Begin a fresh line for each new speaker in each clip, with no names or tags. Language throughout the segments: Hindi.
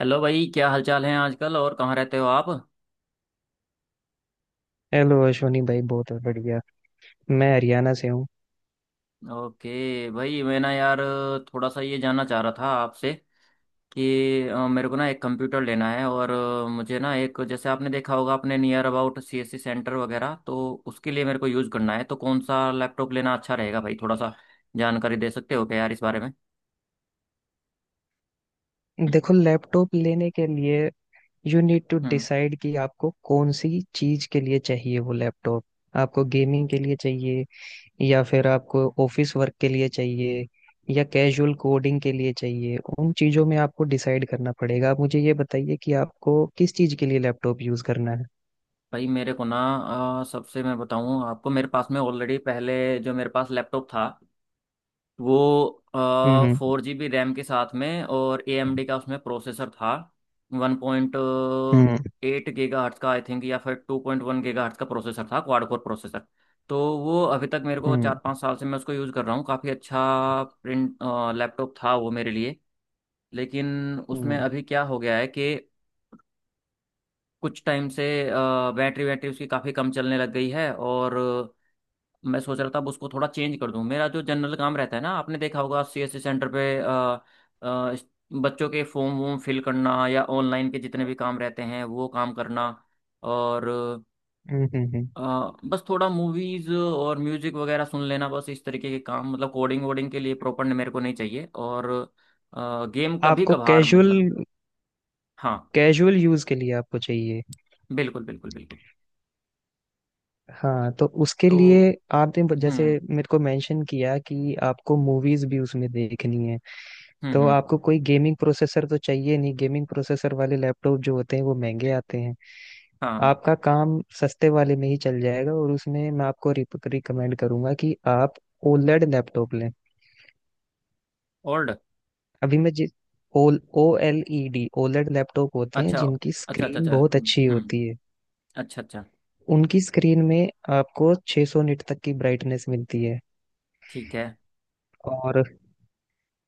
हेलो भाई, क्या हालचाल है आजकल? और कहाँ रहते हो आप?
हेलो अश्वनी भाई, बहुत बढ़िया। मैं हरियाणा से हूँ।
ओके भाई, मैं ना यार थोड़ा सा ये जानना चाह रहा था आपसे कि मेरे को ना एक कंप्यूटर लेना है। और मुझे ना एक, जैसे आपने देखा होगा अपने नियर अबाउट CSC सेंटर वगैरह, तो उसके लिए मेरे को यूज़ करना है। तो कौन सा लैपटॉप लेना अच्छा रहेगा भाई? थोड़ा सा जानकारी दे सकते हो क्या यार इस बारे में?
देखो, लैपटॉप लेने के लिए you need to
hmm.
Decide कि आपको कौन सी चीज के लिए चाहिए वो लैपटॉप। आपको गेमिंग के लिए चाहिए, या फिर आपको ऑफिस वर्क के लिए चाहिए, या कैजुअल कोडिंग के लिए चाहिए, उन चीजों में आपको डिसाइड करना पड़ेगा। आप मुझे ये बताइए कि आपको किस चीज के लिए लैपटॉप यूज करना है।
भाई मेरे को ना, सबसे मैं बताऊं आपको, मेरे पास में ऑलरेडी पहले जो मेरे पास लैपटॉप था वो
हम्म।
4 GB रैम के साथ में, और AMD का उसमें प्रोसेसर था। One point
hmm.
Eight gigahertz का आई थिंक या फिर 2.1 GHz का प्रोसेसर था, क्वाड कोर प्रोसेसर। तो वो अभी तक, मेरे को चार
हम्म।
पाँच साल से मैं उसको यूज़ कर रहा हूँ, काफ़ी अच्छा प्रिंट लैपटॉप था वो मेरे लिए। लेकिन उसमें
हम्म।
अभी क्या हो गया है कि कुछ टाइम से बैटरी बैटरी उसकी काफ़ी कम चलने लग गई है। और मैं सोच रहा था अब उसको थोड़ा चेंज कर दूं। मेरा जो जनरल काम रहता है ना, आपने देखा होगा CSC सेंटर पे, अ, इस- बच्चों के फॉर्म वॉर्म फिल करना या ऑनलाइन के जितने भी काम रहते हैं वो काम करना। और
हम्म।
अ, बस थोड़ा मूवीज और म्यूजिक वगैरह सुन लेना। बस इस तरीके के काम, मतलब कोडिंग वोडिंग के लिए प्रॉपर मेरे को नहीं चाहिए। और गेम कभी
आपको
कभार,
कैजुअल
मतलब। हाँ।
कैजुअल यूज के लिए आपको चाहिए।
बिल्कुल बिल्कुल बिल्कुल।
हाँ, तो उसके
तो
लिए आपने जैसे
हम्म
मेरे को मेंशन किया कि आपको मूवीज भी उसमें देखनी है। तो
हम्म।
आपको कोई गेमिंग प्रोसेसर तो चाहिए नहीं। गेमिंग प्रोसेसर वाले लैपटॉप जो होते हैं वो महंगे आते हैं।
हाँ।
आपका काम सस्ते वाले में ही चल जाएगा, और उसमें मैं आपको रिकमेंड करूंगा कि आप ओलेड लैपटॉप लें।
ओल्ड।
अभी मैं जिस ओल OLED ओलेड लैपटॉप होते हैं
अच्छा
जिनकी
अच्छा अच्छा।
स्क्रीन
अच्छा
बहुत अच्छी होती है।
अच्छा अच्छा।
उनकी स्क्रीन में आपको 600 सौ निट तक की ब्राइटनेस मिलती है।
ठीक है।
और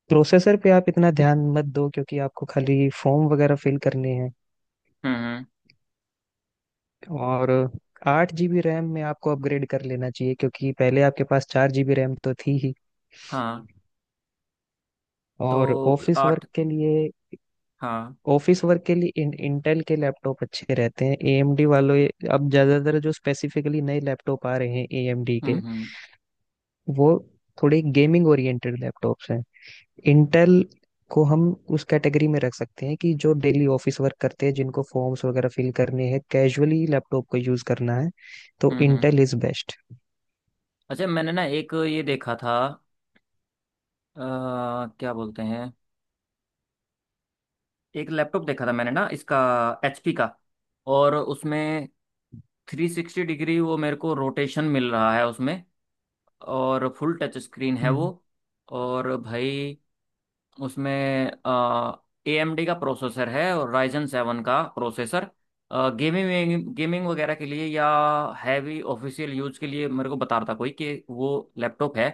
प्रोसेसर पे आप इतना ध्यान मत दो, क्योंकि आपको खाली फॉर्म वगैरह फिल करने हैं।
हम्म।
और 8 GB रैम में आपको अपग्रेड कर लेना चाहिए, क्योंकि पहले आपके पास 4 GB रैम तो थी ही।
हाँ। तो
और ऑफिस वर्क
आठ।
के लिए
हाँ।
इंटेल के लैपटॉप अच्छे रहते हैं एएमडी वालों। अब ज्यादातर जो स्पेसिफिकली नए लैपटॉप आ रहे हैं एएमडी
हम्म
के,
हम्म
वो थोड़े गेमिंग ओरिएंटेड लैपटॉप्स हैं। इंटेल को हम उस कैटेगरी में रख सकते हैं कि जो डेली ऑफिस वर्क करते हैं, जिनको फॉर्म्स वगैरह फिल करने हैं, कैजुअली लैपटॉप को यूज करना है। तो
हम्म, हम्म।
Intel is best.
अच्छा, मैंने ना एक ये देखा था, क्या बोलते हैं, एक लैपटॉप देखा था मैंने ना इसका, HP का। और उसमें 360 डिग्री वो मेरे को रोटेशन मिल रहा है उसमें, और फुल टच स्क्रीन है वो।
हम्म।
और भाई उसमें AMD का प्रोसेसर है, और Ryzen 7 का प्रोसेसर। गेमिंग गेमिंग वगैरह के लिए या हैवी ऑफिशियल यूज के लिए मेरे को बता रहा था कोई, कि वो लैपटॉप है।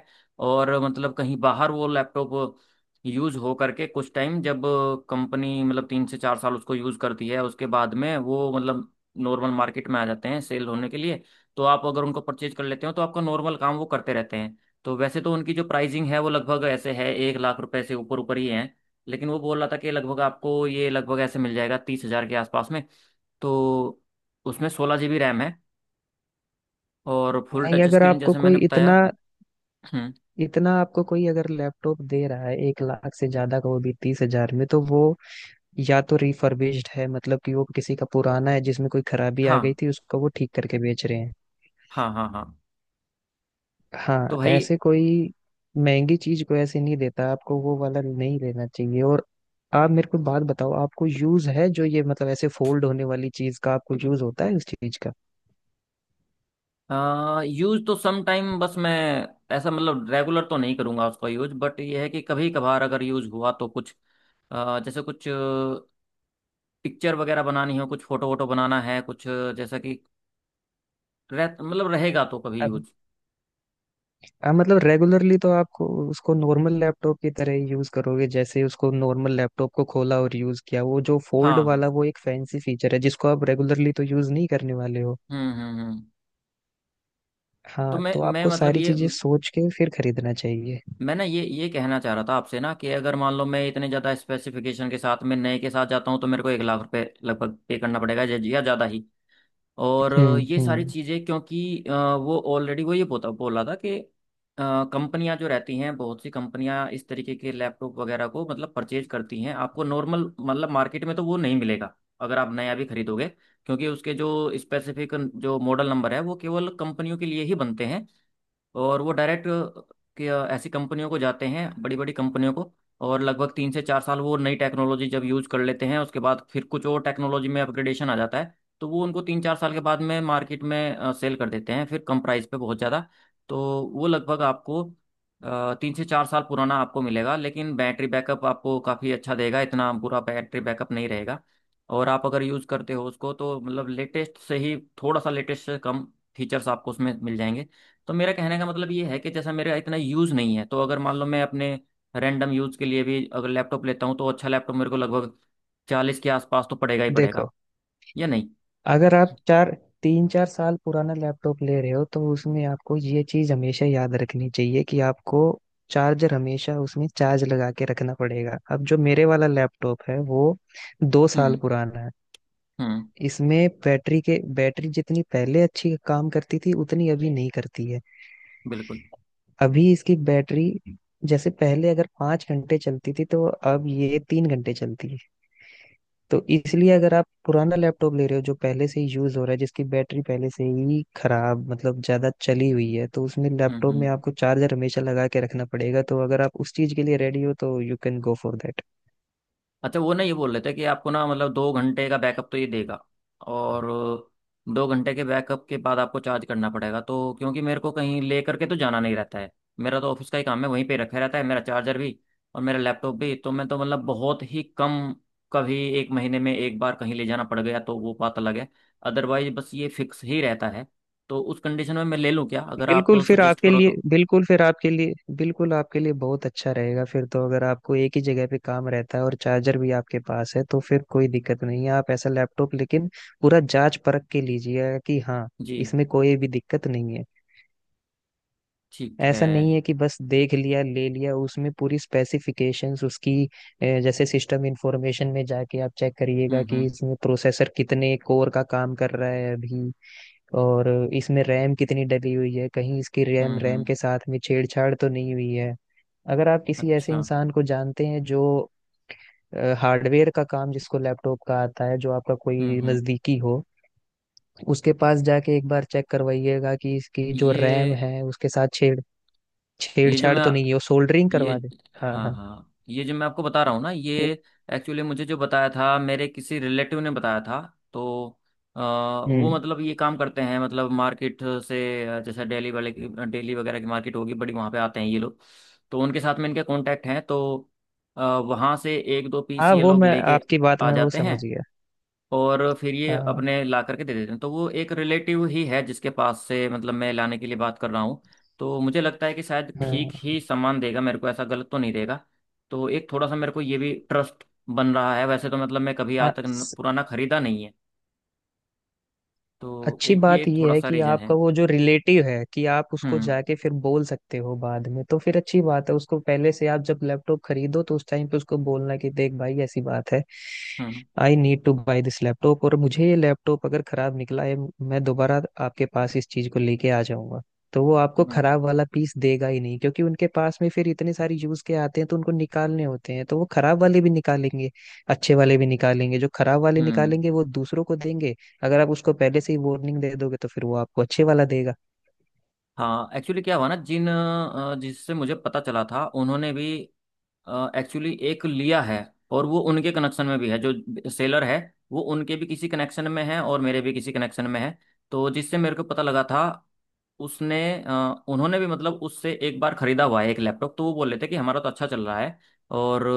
और मतलब कहीं बाहर वो लैपटॉप यूज हो करके, कुछ टाइम जब कंपनी, मतलब तीन से चार साल उसको यूज करती है, उसके बाद में वो मतलब नॉर्मल मार्केट में आ जाते हैं सेल होने के लिए। तो आप अगर उनको परचेज कर लेते हो तो आपका नॉर्मल काम वो करते रहते हैं। तो वैसे तो उनकी जो प्राइसिंग है वो लगभग ऐसे है, 1 लाख रुपए से ऊपर ऊपर ही है। लेकिन वो बोल रहा था कि लगभग आपको ये लगभग ऐसे मिल जाएगा 30 हज़ार के आसपास में। तो उसमें 16 GB रैम है, और फुल
नहीं,
टच
अगर
स्क्रीन,
आपको
जैसे मैंने
कोई
बताया।
इतना
हम्म।
इतना आपको कोई अगर लैपटॉप दे रहा है 1 लाख से ज्यादा का वो भी 30,000 में, तो वो या तो रिफर्बिश्ड है, मतलब कि वो किसी का पुराना है जिसमें कोई खराबी आ
हाँ
गई थी, उसको वो ठीक करके बेच रहे हैं।
हाँ हाँ। हाँ। तो
हाँ,
भाई,
ऐसे कोई महंगी चीज को ऐसे नहीं देता आपको, वो वाला नहीं लेना चाहिए। और आप मेरे को बात बताओ, आपको यूज है जो ये मतलब ऐसे फोल्ड होने वाली चीज का, आपको यूज होता है उस चीज का?
यूज तो सम टाइम, बस मैं ऐसा मतलब रेगुलर तो नहीं करूँगा उसका यूज। बट ये है कि कभी कभार अगर यूज हुआ तो कुछ, जैसे कुछ पिक्चर वगैरह बनानी हो, कुछ फोटो वोटो बनाना है, कुछ जैसा कि रह मतलब रहेगा तो कभी
अब-
यूज।
हाँ, मतलब रेगुलरली तो आपको उसको नॉर्मल लैपटॉप की तरह ही यूज करोगे, जैसे उसको नॉर्मल लैपटॉप को खोला और यूज किया। वो जो फोल्ड
हाँ हाँ।
वाला, वो एक फैंसी फीचर है जिसको आप रेगुलरली तो यूज नहीं करने वाले हो।
हम्म। तो
हाँ,
मैं
तो
मैं
आपको
मतलब
सारी
ये,
चीजें सोच के फिर खरीदना चाहिए।
मैं ये कहना चाह रहा था आपसे ना, कि अगर मान लो मैं इतने ज़्यादा स्पेसिफिकेशन के साथ, मैं नए के साथ जाता हूँ, तो मेरे को 1 लाख रुपए लगभग पे करना पड़ेगा, या ज़्यादा ही। और
हम्म।
ये सारी
हम्म।
चीज़ें क्योंकि, वो ऑलरेडी वो ये बोता बोला था कि कंपनियां जो रहती हैं, बहुत सी कंपनियां इस तरीके के लैपटॉप वगैरह को मतलब परचेज करती हैं। आपको नॉर्मल, मतलब मार्केट में तो वो नहीं मिलेगा अगर आप नया भी खरीदोगे। क्योंकि उसके जो स्पेसिफिक जो मॉडल नंबर है, वो केवल कंपनियों के लिए ही बनते हैं। और वो डायरेक्ट कि ऐसी कंपनियों को जाते हैं, बड़ी बड़ी कंपनियों को। और लगभग 3 से 4 साल वो नई टेक्नोलॉजी जब यूज़ कर लेते हैं, उसके बाद फिर कुछ और टेक्नोलॉजी में अपग्रेडेशन आ जाता है। तो वो उनको 3-4 साल के बाद में मार्केट में सेल कर देते हैं, फिर कम प्राइस पे, बहुत ज़्यादा। तो वो लगभग आपको 3 से 4 साल पुराना आपको मिलेगा, लेकिन बैटरी बैकअप आपको काफ़ी अच्छा देगा, इतना बुरा बैटरी बैकअप नहीं रहेगा। और आप अगर यूज़ करते हो उसको, तो मतलब लेटेस्ट से ही थोड़ा सा लेटेस्ट से कम फीचर्स आपको उसमें मिल जाएंगे। तो मेरा कहने का मतलब ये है, कि जैसा मेरा इतना यूज़ नहीं है, तो अगर मान लो मैं अपने रैंडम यूज़ के लिए भी अगर लैपटॉप लेता हूँ, तो अच्छा लैपटॉप मेरे को लगभग 40 के आसपास तो पड़ेगा ही पड़ेगा,
देखो,
या नहीं?
अगर आप चार तीन चार साल पुराना लैपटॉप ले रहे हो, तो उसमें आपको ये चीज हमेशा याद रखनी चाहिए कि आपको चार्जर हमेशा उसमें चार्ज लगा के रखना पड़ेगा। अब जो मेरे वाला लैपटॉप है, वो 2 साल
हम्म
पुराना है।
हम्म।
इसमें बैटरी जितनी पहले अच्छी काम करती थी उतनी अभी नहीं करती है।
बिल्कुल।
अभी इसकी बैटरी जैसे पहले अगर 5 घंटे चलती थी, तो अब ये 3 घंटे चलती है। तो इसलिए अगर आप पुराना लैपटॉप ले रहे हो जो पहले से ही यूज हो रहा है, जिसकी बैटरी पहले से ही खराब मतलब ज्यादा चली हुई है, तो उसमें लैपटॉप
हम्म।
में आपको चार्जर हमेशा लगा के रखना पड़ेगा। तो अगर आप उस चीज के लिए रेडी हो तो you can go for that.
अच्छा, वो ना ये बोल रहे थे कि आपको ना, मतलब 2 घंटे का बैकअप तो ये देगा। और 2 घंटे के बैकअप के बाद आपको चार्ज करना पड़ेगा। तो क्योंकि मेरे को कहीं ले करके तो जाना नहीं रहता है, मेरा तो ऑफिस का ही काम है, वहीं पे रखा रहता है मेरा चार्जर भी और मेरा लैपटॉप भी। तो मैं तो मतलब बहुत ही कम, कभी एक महीने में एक बार कहीं ले जाना पड़ गया तो वो बात अलग है। अदरवाइज बस ये फिक्स ही रहता है। तो उस कंडीशन में मैं ले लूँ क्या अगर आप सजेस्ट करो तो?
बिल्कुल आपके लिए बहुत अच्छा रहेगा फिर तो। अगर आपको एक ही जगह पे काम रहता है और चार्जर भी आपके पास है, तो फिर कोई दिक्कत नहीं है, आप ऐसा लैपटॉप लेकिन पूरा जांच परख के लीजिएगा कि हाँ,
जी।
इसमें कोई भी दिक्कत नहीं है।
ठीक है।
ऐसा नहीं है कि बस देख लिया ले लिया, उसमें पूरी स्पेसिफिकेशंस उसकी, जैसे सिस्टम इंफॉर्मेशन में जाके आप चेक करिएगा
हम्म
कि
हम्म
इसमें प्रोसेसर कितने कोर का काम कर रहा है अभी। और इसमें रैम कितनी डली हुई है, कहीं इसकी रैम रैम
हम्म।
के साथ में छेड़छाड़ तो नहीं हुई है। अगर आप किसी ऐसे
अच्छा।
इंसान को जानते हैं जो हार्डवेयर का काम, जिसको लैपटॉप का आता है, जो आपका कोई
हम्म।
नजदीकी हो, उसके पास जाके एक बार चेक करवाइएगा कि इसकी जो रैम
ये
है उसके साथ
ये जो
छेड़छाड़
मैं
तो नहीं है, वो सोल्डरिंग
ये
करवा दे। हाँ,
हाँ
हाँ,
हाँ, ये जो मैं आपको बता रहा हूँ ना, ये
ये।
एक्चुअली मुझे जो बताया था, मेरे किसी रिलेटिव ने बताया था। तो वो
हम्म।
मतलब ये काम करते हैं, मतलब मार्केट से, जैसे डेली वाले की डेली वगैरह की मार्केट होगी बड़ी, वहाँ पे आते हैं ये लोग। तो उनके साथ में इनके कांटेक्ट हैं, तो वहाँ से एक दो पीस
हाँ,
ये
वो
लोग
मैं
लेके
आपकी बात
आ
में वो
जाते हैं।
समझ गया।
और फिर ये
हाँ,
अपने ला करके दे देते हैं। तो वो एक रिलेटिव ही है जिसके पास से मतलब मैं लाने के लिए बात कर रहा हूँ। तो मुझे लगता है कि शायद ठीक
हाँ,
ही सामान देगा मेरे को, ऐसा गलत तो नहीं देगा। तो एक थोड़ा सा मेरे को ये भी ट्रस्ट बन रहा है, वैसे तो मतलब मैं कभी आज
हाँ।
तक पुराना खरीदा नहीं है। तो
अच्छी
एक ये
बात
एक
ये
थोड़ा
है
सा
कि
रीजन है।
आपका वो जो रिलेटिव है, कि आप उसको
हम्म
जाके फिर बोल सकते हो बाद में, तो फिर अच्छी बात है। उसको पहले से आप जब लैपटॉप खरीदो, तो उस टाइम पे उसको बोलना कि देख भाई, ऐसी बात है,
हम्म
I need to buy this laptop. और मुझे ये लैपटॉप अगर खराब निकला है, मैं दोबारा आपके पास इस चीज को लेके आ जाऊंगा। तो वो आपको
हम्म
खराब वाला पीस देगा ही नहीं, क्योंकि उनके पास में फिर इतने सारे यूज के आते हैं, तो उनको निकालने होते हैं, तो वो खराब वाले भी निकालेंगे, अच्छे वाले भी निकालेंगे। जो खराब वाले
हम्म।
निकालेंगे वो दूसरों को देंगे। अगर आप उसको पहले से ही वार्निंग दे दोगे, तो फिर वो आपको अच्छे वाला देगा।
हाँ, एक्चुअली क्या हुआ ना, जिससे मुझे पता चला था, उन्होंने भी एक्चुअली एक लिया है। और वो उनके कनेक्शन में भी है, जो सेलर है, वो उनके भी किसी कनेक्शन में है और मेरे भी किसी कनेक्शन में है। तो जिससे मेरे को पता लगा था, उसने, उन्होंने भी, मतलब उससे एक बार खरीदा हुआ है एक लैपटॉप। तो वो बोल रहे थे कि हमारा तो अच्छा चल रहा है, और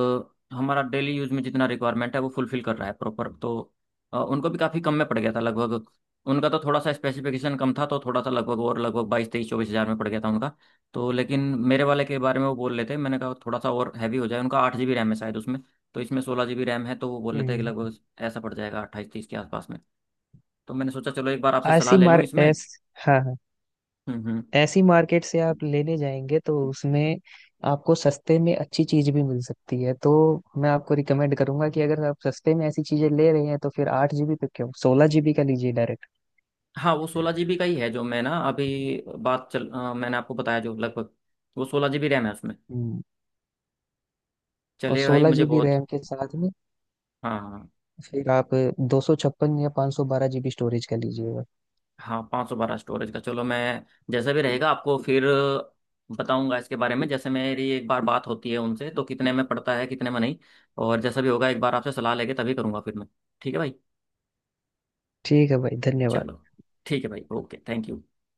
हमारा डेली यूज में जितना रिक्वायरमेंट है वो फुलफिल कर रहा है प्रॉपर। तो उनको भी काफ़ी कम में पड़ गया था लगभग। उनका तो थोड़ा सा स्पेसिफिकेशन कम था, तो थोड़ा सा लगभग, और लगभग 22-23-24 हज़ार में पड़ गया था उनका। तो लेकिन मेरे वाले के बारे में वो बोल रहे थे, मैंने कहा थोड़ा सा और हैवी हो जाए। उनका 8 GB रैम है शायद उसमें, तो इसमें 16 GB रैम है। तो वो बोल रहे थे कि
हम्म।
लगभग ऐसा पड़ जाएगा 28-30 के आसपास में। तो मैंने सोचा चलो एक बार आपसे सलाह
ऐसी
ले लूँ
मार
इसमें।
ऐस हाँ, हाँ,
हम्म।
ऐसी मार्केट से आप लेने जाएंगे, तो उसमें आपको सस्ते में अच्छी चीज भी मिल सकती है। तो मैं आपको रिकमेंड करूंगा कि अगर आप सस्ते में ऐसी चीजें ले रहे हैं, तो फिर 8 GB पे क्यों, 16 GB का लीजिए डायरेक्ट।
हाँ, वो 16 GB का ही है जो मैं ना अभी, मैंने आपको बताया जो लगभग, वो 16 GB रैम है उसमें।
हम्म, और
चलिए भाई,
सोलह
मुझे
जीबी
बहुत।
रैम के साथ में
हाँ हाँ।
फिर आप 256 या 512 GB स्टोरेज का लीजिएगा।
हाँ, 512 स्टोरेज का, चलो मैं जैसा भी रहेगा आपको फिर बताऊंगा इसके बारे में। जैसे मेरी एक बार बात होती है उनसे, तो कितने में पड़ता है कितने में नहीं, और जैसा भी होगा एक बार आपसे सलाह लेके तभी करूंगा फिर मैं। ठीक है भाई।
ठीक है भाई, धन्यवाद।
चलो, ठीक है भाई, ओके थैंक यू।